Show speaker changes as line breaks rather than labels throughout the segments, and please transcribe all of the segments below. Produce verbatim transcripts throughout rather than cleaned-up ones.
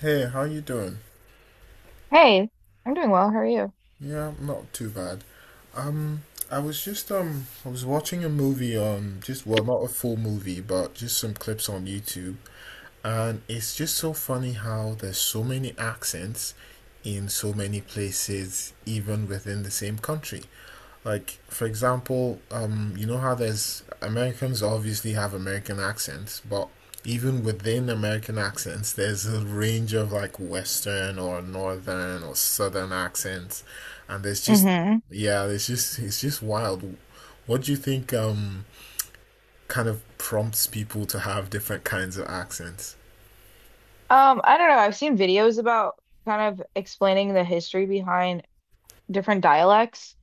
Hey, how you doing?
Hey, I'm doing well. How are you?
Yeah, I'm not too bad. Um, I was just um, I was watching a movie on just well, not a full movie, but just some clips on YouTube, and it's just so funny how there's so many accents in so many places, even within the same country. Like, for example, um, you know how there's Americans obviously have American accents, but even within American accents, there's a range of like Western or Northern or Southern accents, and there's just
Mm-hmm.
yeah, there's just it's just wild. What do you think um kind of prompts people to have different kinds of accents?
Um, I don't know. I've seen videos about kind of explaining the history behind different dialects,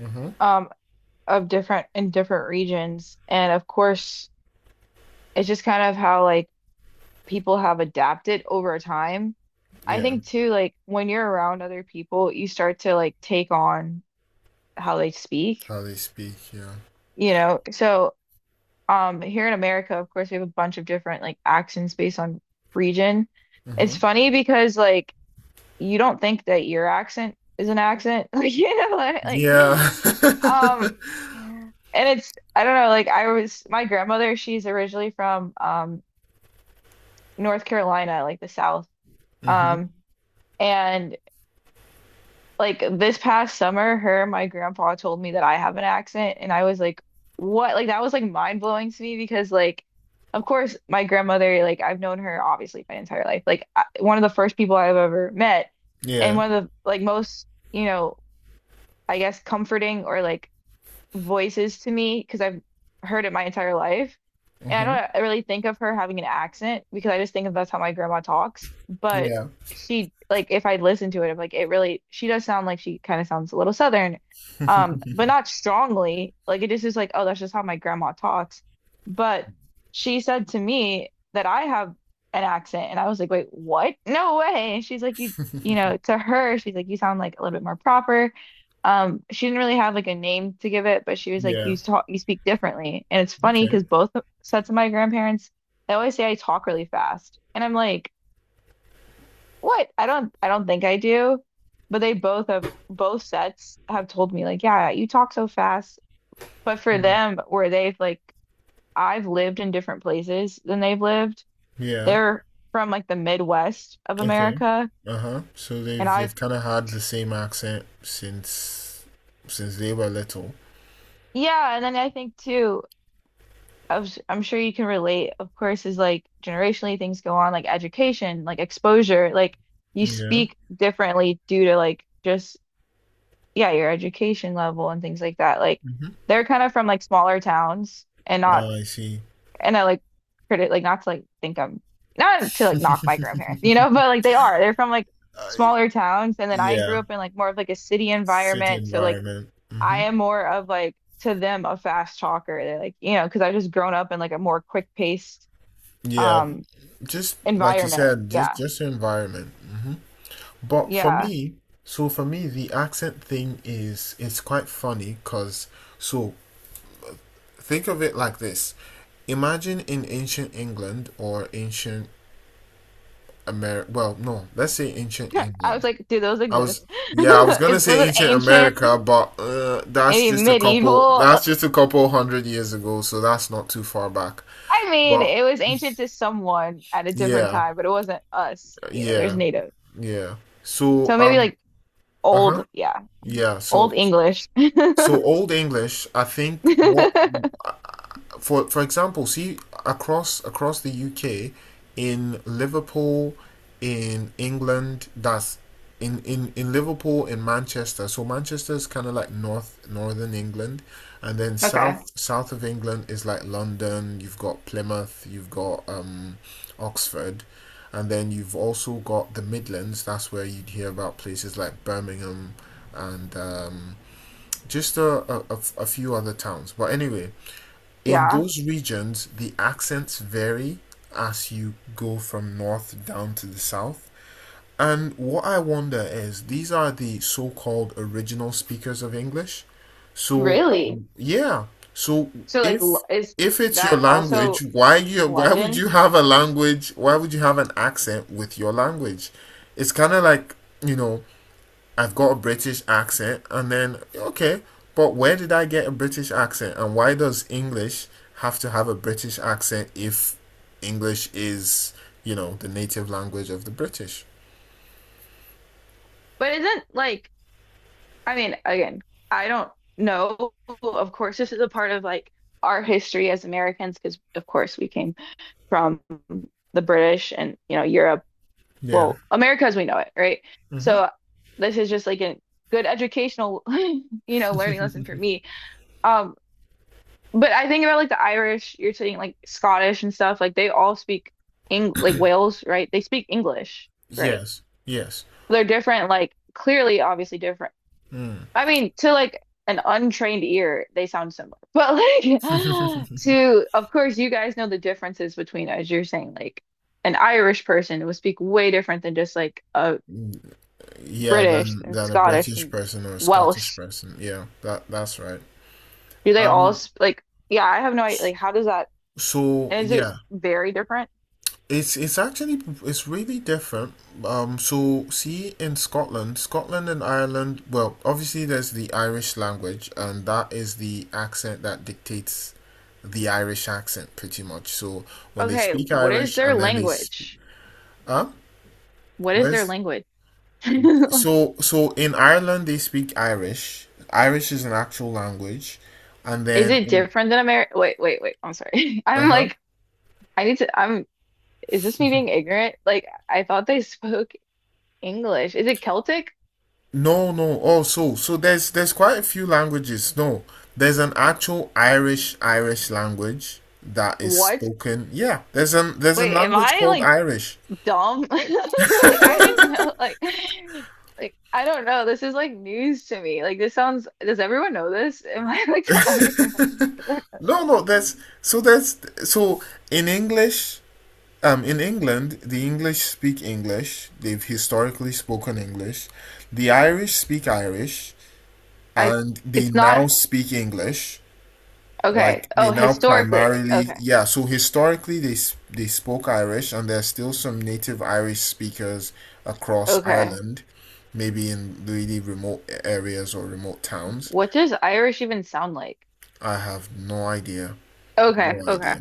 Mm-hmm.
um, of different in different regions. And of course, it's just kind of how like people have adapted over time. I
Yeah.
think too, like when you're around other people, you start to like take on how they speak,
How they speak, yeah.
you know? So, um, here in America, of course, we have a bunch of different like accents based on region. It's
Mm-hmm.
funny because like you don't think that your accent is an accent. Like, you know, like, like,
Yeah.
um, yeah. And it's, I don't know, like I was, my grandmother, she's originally from, um, North Carolina, like the South.
Mm-hmm.
Um, and like this past summer, her and my grandpa told me that I have an accent. And I was like, what? Like, that was like mind blowing to me because, like, of course, my grandmother, like, I've known her obviously my entire life. Like, I, one of the first people I've ever met, and
Yeah.
one of the like most, you know, I guess comforting or like voices to me because I've heard it my entire life. And
mm-hmm.
I don't really think of her having an accent because I just think of that's how my grandma talks. But
Yeah.
she like if I listen to it, I'm like it really she does sound like she kind of sounds a little Southern, um, but not strongly. Like it just is like, oh, that's just how my grandma talks. But she said to me that I have an accent, and I was like, wait, what? No way. And she's like, you you know, to her, she's like, you sound like a little bit more proper. Um, she didn't really have like a name to give it, but she was like,
Yeah.
"You talk, you speak differently." And it's funny because
Okay.
both sets of my grandparents, they always say I talk really fast, and I'm like, "What? I don't, I don't think I do." But they both have both sets have told me like, "Yeah, you talk so fast." But for them, where they've like, I've lived in different places than they've lived.
Yeah.
They're from like the Midwest of
Okay.
America,
Uh huh. So
and
they've they've
I've
kind of had the same accent since since they were little.
yeah. And then I think too, I was, I'm sure you can relate, of course, is like generationally things go on, like education, like exposure, like you
Yeah.
speak differently due to like just, yeah, your education level and things like that. Like
Mm-hmm.
they're kind of from like smaller towns and not,
Oh, I see.
and I like credit, like not to like think I'm, not to like knock my grandparents, you know, but like they are, they're from like
I,
smaller towns. And then I
yeah.
grew up in like more of like a city
City
environment. So like
environment.
I
Mm-hmm.
am more of like, to them a fast talker. They're like, you know, because I've just grown up in like a more quick paced
Yeah.
um,
Just like you
environment.
said, just
Yeah.
just the environment. Mm-hmm. But for
Yeah.
me, so for me, the accent thing is it's quite funny because so think of it like this. Imagine in ancient England or ancient America. Well, no, let's say ancient
I was
England.
like, do those
I was
exist?
yeah, I was gonna
Is, was
say
it
ancient
ancient?
America, but uh, that's
Maybe
just a couple.
medieval? Uh,
That's just a couple hundred years ago, so that's not too far back.
I mean,
But
it was ancient to someone at a different
yeah,
time, but it wasn't us. You know, there's
yeah,
native.
yeah. So
So maybe
um,
like
uh-huh.
old, yeah,
Yeah, so
old English.
so Old English, I think what for for example, see across across the U K, in Liverpool, in England, that's in in in Liverpool in Manchester. So Manchester is kind of like north northern England, and then
Okay.
south south of England is like London. You've got Plymouth, you've got um, Oxford, and then you've also got the Midlands. That's where you'd hear about places like Birmingham, and um, just a a, a few other towns. But anyway, in
Yeah.
those regions, the accents vary as you go from north down to the south. And what I wonder is these are the so called original speakers of English. So,
Really?
yeah. So
So like
if
l- is
if it's your
that
language,
also
why you why would
London?
you have a language? Why would you have an accent with your language? It's kind of like, you know, I've got a British accent, and then okay, but where did I get a British accent, and why does English have to have a British accent if English is, you know, the native language of the British?
But isn't like, I mean, again, I don't know. Of course, this is a part of like our history as Americans, because of course we came from the British and, you know, Europe.
Yeah.
Well, America as we know it, right?
Mm-hmm.
So this is just like a good educational, you know, learning lesson for me. Um, but I think about like the Irish, you're saying like Scottish and stuff, like they all speak Eng like Wales, right? They speak English, right?
yes. Yes.
They're different, like clearly, obviously different.
Mm.
I mean, to like an untrained ear, they sound similar. But like, to, of course, you guys know the differences between, as you're saying, like an Irish person would speak way different than just like a
yeah,
British
than
and
than a
Scottish
British
and
person or a Scottish
Welsh.
person. Yeah, that that's right.
Do they all
Um.
sp like, yeah, I have no idea. Like, how does that,
So
is it
yeah,
very different?
It's it's actually it's really different. Um, so see in Scotland, Scotland and Ireland, well, obviously there's the Irish language, and that is the accent that dictates the Irish accent pretty much. So when they
Okay,
speak
what is
Irish
their
and then they speak,
language?
huh?
What is their
Where's
language? Like,
so so in Ireland they speak Irish. Irish is an actual language, and
is
then
it
in,
different than American? Wait, wait, wait. I'm sorry. I'm
uh
like, I need to, I'm is this me being ignorant? Like, I thought they spoke English. Is it Celtic?
no, no. Oh, so so there's there's quite a few languages. No, there's an actual Irish Irish language that is
What?
spoken. Yeah, there's an there's a
Wait, am
language
I
called
like
Irish.
dumb? Like, I didn't know. Like, like I don't know. This is like news to me. Like, this sounds. Does everyone know this? Am I like the only person who does it?
No, no. There's so there's so in English, um, in England, the English speak English. They've historically spoken English. The Irish speak Irish,
I.
and they
It's not
now speak English.
okay.
Like they
Oh,
now
historically.
primarily,
Okay.
yeah, so historically they s- they spoke Irish and there's still some native Irish speakers across
Okay.
Ireland, maybe in really remote areas or remote towns.
What does Irish even sound like?
I have no idea.
Okay.
No
Okay.
idea.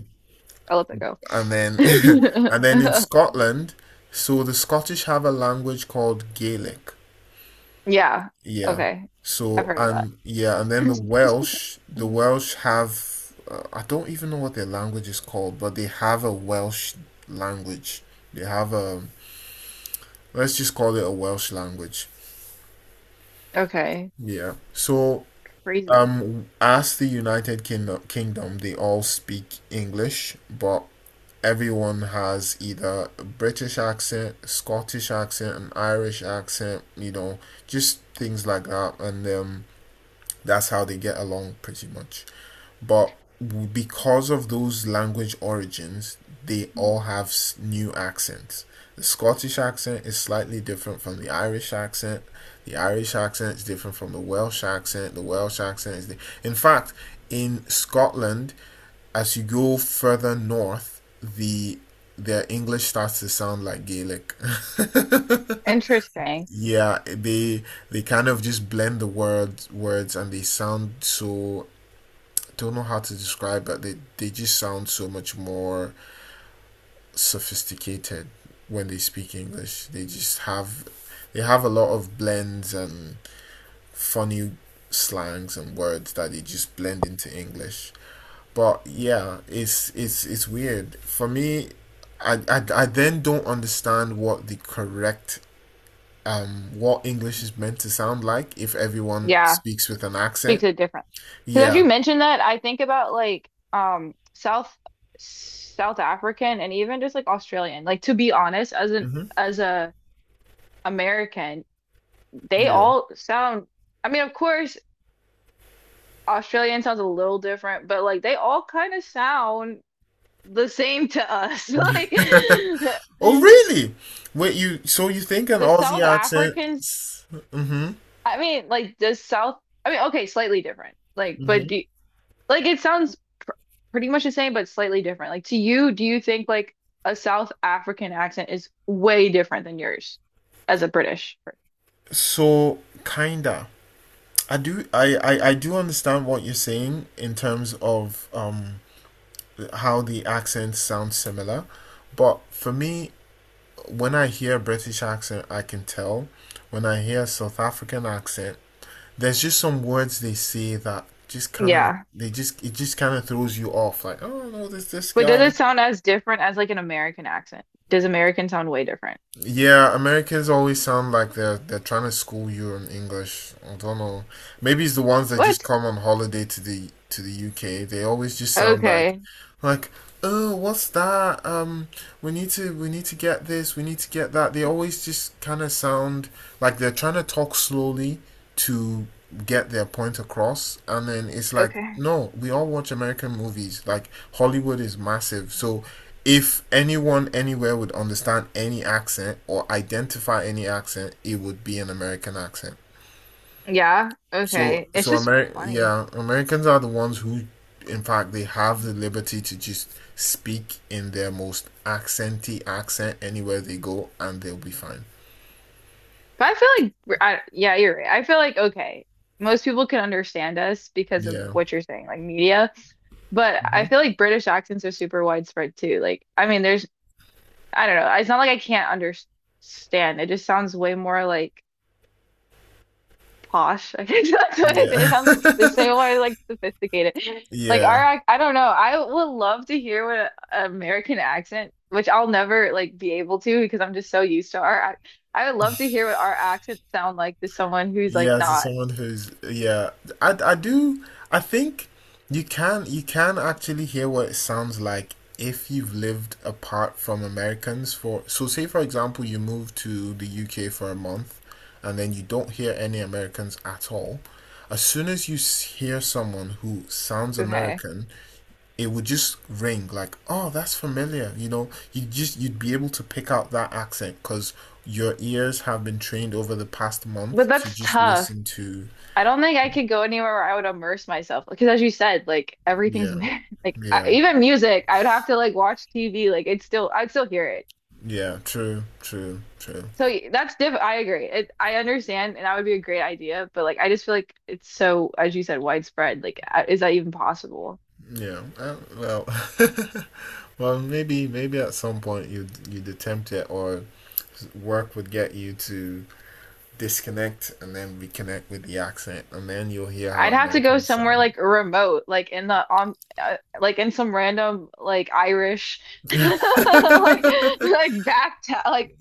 I'll let that go.
And then and then in Scotland, so the Scottish have a language called Gaelic.
Yeah.
Yeah.
Okay. I've
So
heard of that.
and yeah, and then the Welsh, the Welsh have uh, I don't even know what their language is called, but they have a Welsh language. They have a let's just call it a Welsh language.
Okay.
Yeah. So
Crazy.
um as the United Kingdom, Kingdom, they all speak English, but everyone has either a British accent, Scottish accent, an Irish accent, you know, just things like that. And um that's how they get along pretty much. But because of those language origins, they all have new accents. The Scottish accent is slightly different from the Irish accent. The Irish accent is different from the Welsh accent. The Welsh accent is. The, in fact, in Scotland, as you go further north, the their English starts to sound like Gaelic.
Interesting.
yeah, they they kind of just blend the word words and they sound so don't know how to describe but they they just sound so much more sophisticated when they speak english they just have they have a lot of blends and funny slangs and words that they just blend into english but yeah it's it's it's weird for me i i, I then don't understand what the correct um what english is meant to sound like if everyone
Yeah.
speaks with an
Speaks
accent
a different. Because as
yeah
you mentioned that, I think about like um South South African and even just like Australian. Like to be honest, as an
mm-hmm.
as a American, they
yeah
all sound, I mean, of course, Australian sounds a little different, but like they all kind of sound the same to us. Like
Oh, really? Wait, you so you think an
the
Aussie
South
accent?
Africans,
Mm-hmm.
I mean, like the South I mean, okay, slightly different. Like, but
Mm-hmm.
do, like it sounds pr pretty much the same, but slightly different. Like to you, do you think like a South African accent is way different than yours as a British?
So kinda. I do I, I I do understand what you're saying in terms of um how the accents sound similar, but for me, when I hear a British accent, I can tell. When I hear a South African accent, there's just some words they say that just kind of
Yeah.
they just it just kind of throws you off. Like, oh no, this this
But does
guy.
it sound as different as like an American accent? Does American sound way different?
Yeah, Americans always sound like they're they're trying to school you in English. I don't know. Maybe it's the ones that just
What?
come on holiday to the to the U K. They always just sound like
Okay.
like, "Oh, what's that? Um, we need to we need to get this, we need to get that." They always just kind of sound like they're trying to talk slowly to get their point across. And then it's like,
Okay.
"No, we all watch American movies. Like Hollywood is massive. So if anyone anywhere would understand any accent or identify any accent, it would be an American accent.
Yeah.
So,
Okay. It's
so
just
Ameri-
funny.
yeah, Americans are the ones who, in fact, they have the liberty to just speak in their most accenty accent anywhere they go, and they'll be fine.
But I feel like, I, yeah, you're right. I feel like, okay, most people can understand us because of
Yeah.
what you're saying, like media. But
hmm
I feel like British accents are super widespread too. Like, I mean, there's I don't know. It's not like I can't understand. It just sounds way more like posh. I guess that's what I say. It
Yeah.
sounds just say more like sophisticated. Like
yeah.
our, ac- I don't know. I would love to hear what an American accent, which I'll never like be able to because I'm just so used to our. ac- I would love to hear what our accents sound like to someone who's
Yeah,
like
to
not.
someone who's yeah, I I do I think you can you can actually hear what it sounds like if you've lived apart from Americans for so say for example you move to the U K for a month and then you don't hear any Americans at all. As soon as you s- hear someone who sounds
Okay.
American, it would just ring like, oh, that's familiar. You know, you just you'd be able to pick out that accent because your ears have been trained over the past
But
month to
that's
just
tough.
listen to
I don't think I could go anywhere where I would immerse myself because as you said, like everything's,
yeah
like I,
yeah
even music, I would have to like watch T V, like it's still I'd still hear it.
yeah true true true
So y- that's diff I agree. It, I understand and that would be a great idea, but like I just feel like it's so as you said widespread. Like uh, is that even possible?
yeah uh, well well maybe maybe at some point you'd you'd attempt it or work would get you to disconnect and then reconnect with the accent and then you'll hear how
I'd have to go
Americans
somewhere
sound
like remote, like in the on uh, like in some random like Irish like like back town, like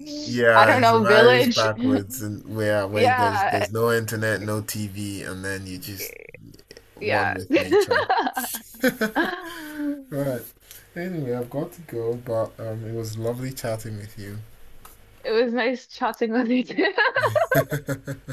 I
yeah
don't
and it
know,
varies
village.
backwards and where where there's
Yeah.
there's no internet no T V and then you just one
Yeah.
with nature. Right. Anyway, I've got to go, but um, it was lovely chatting with you.
It was nice chatting with you too.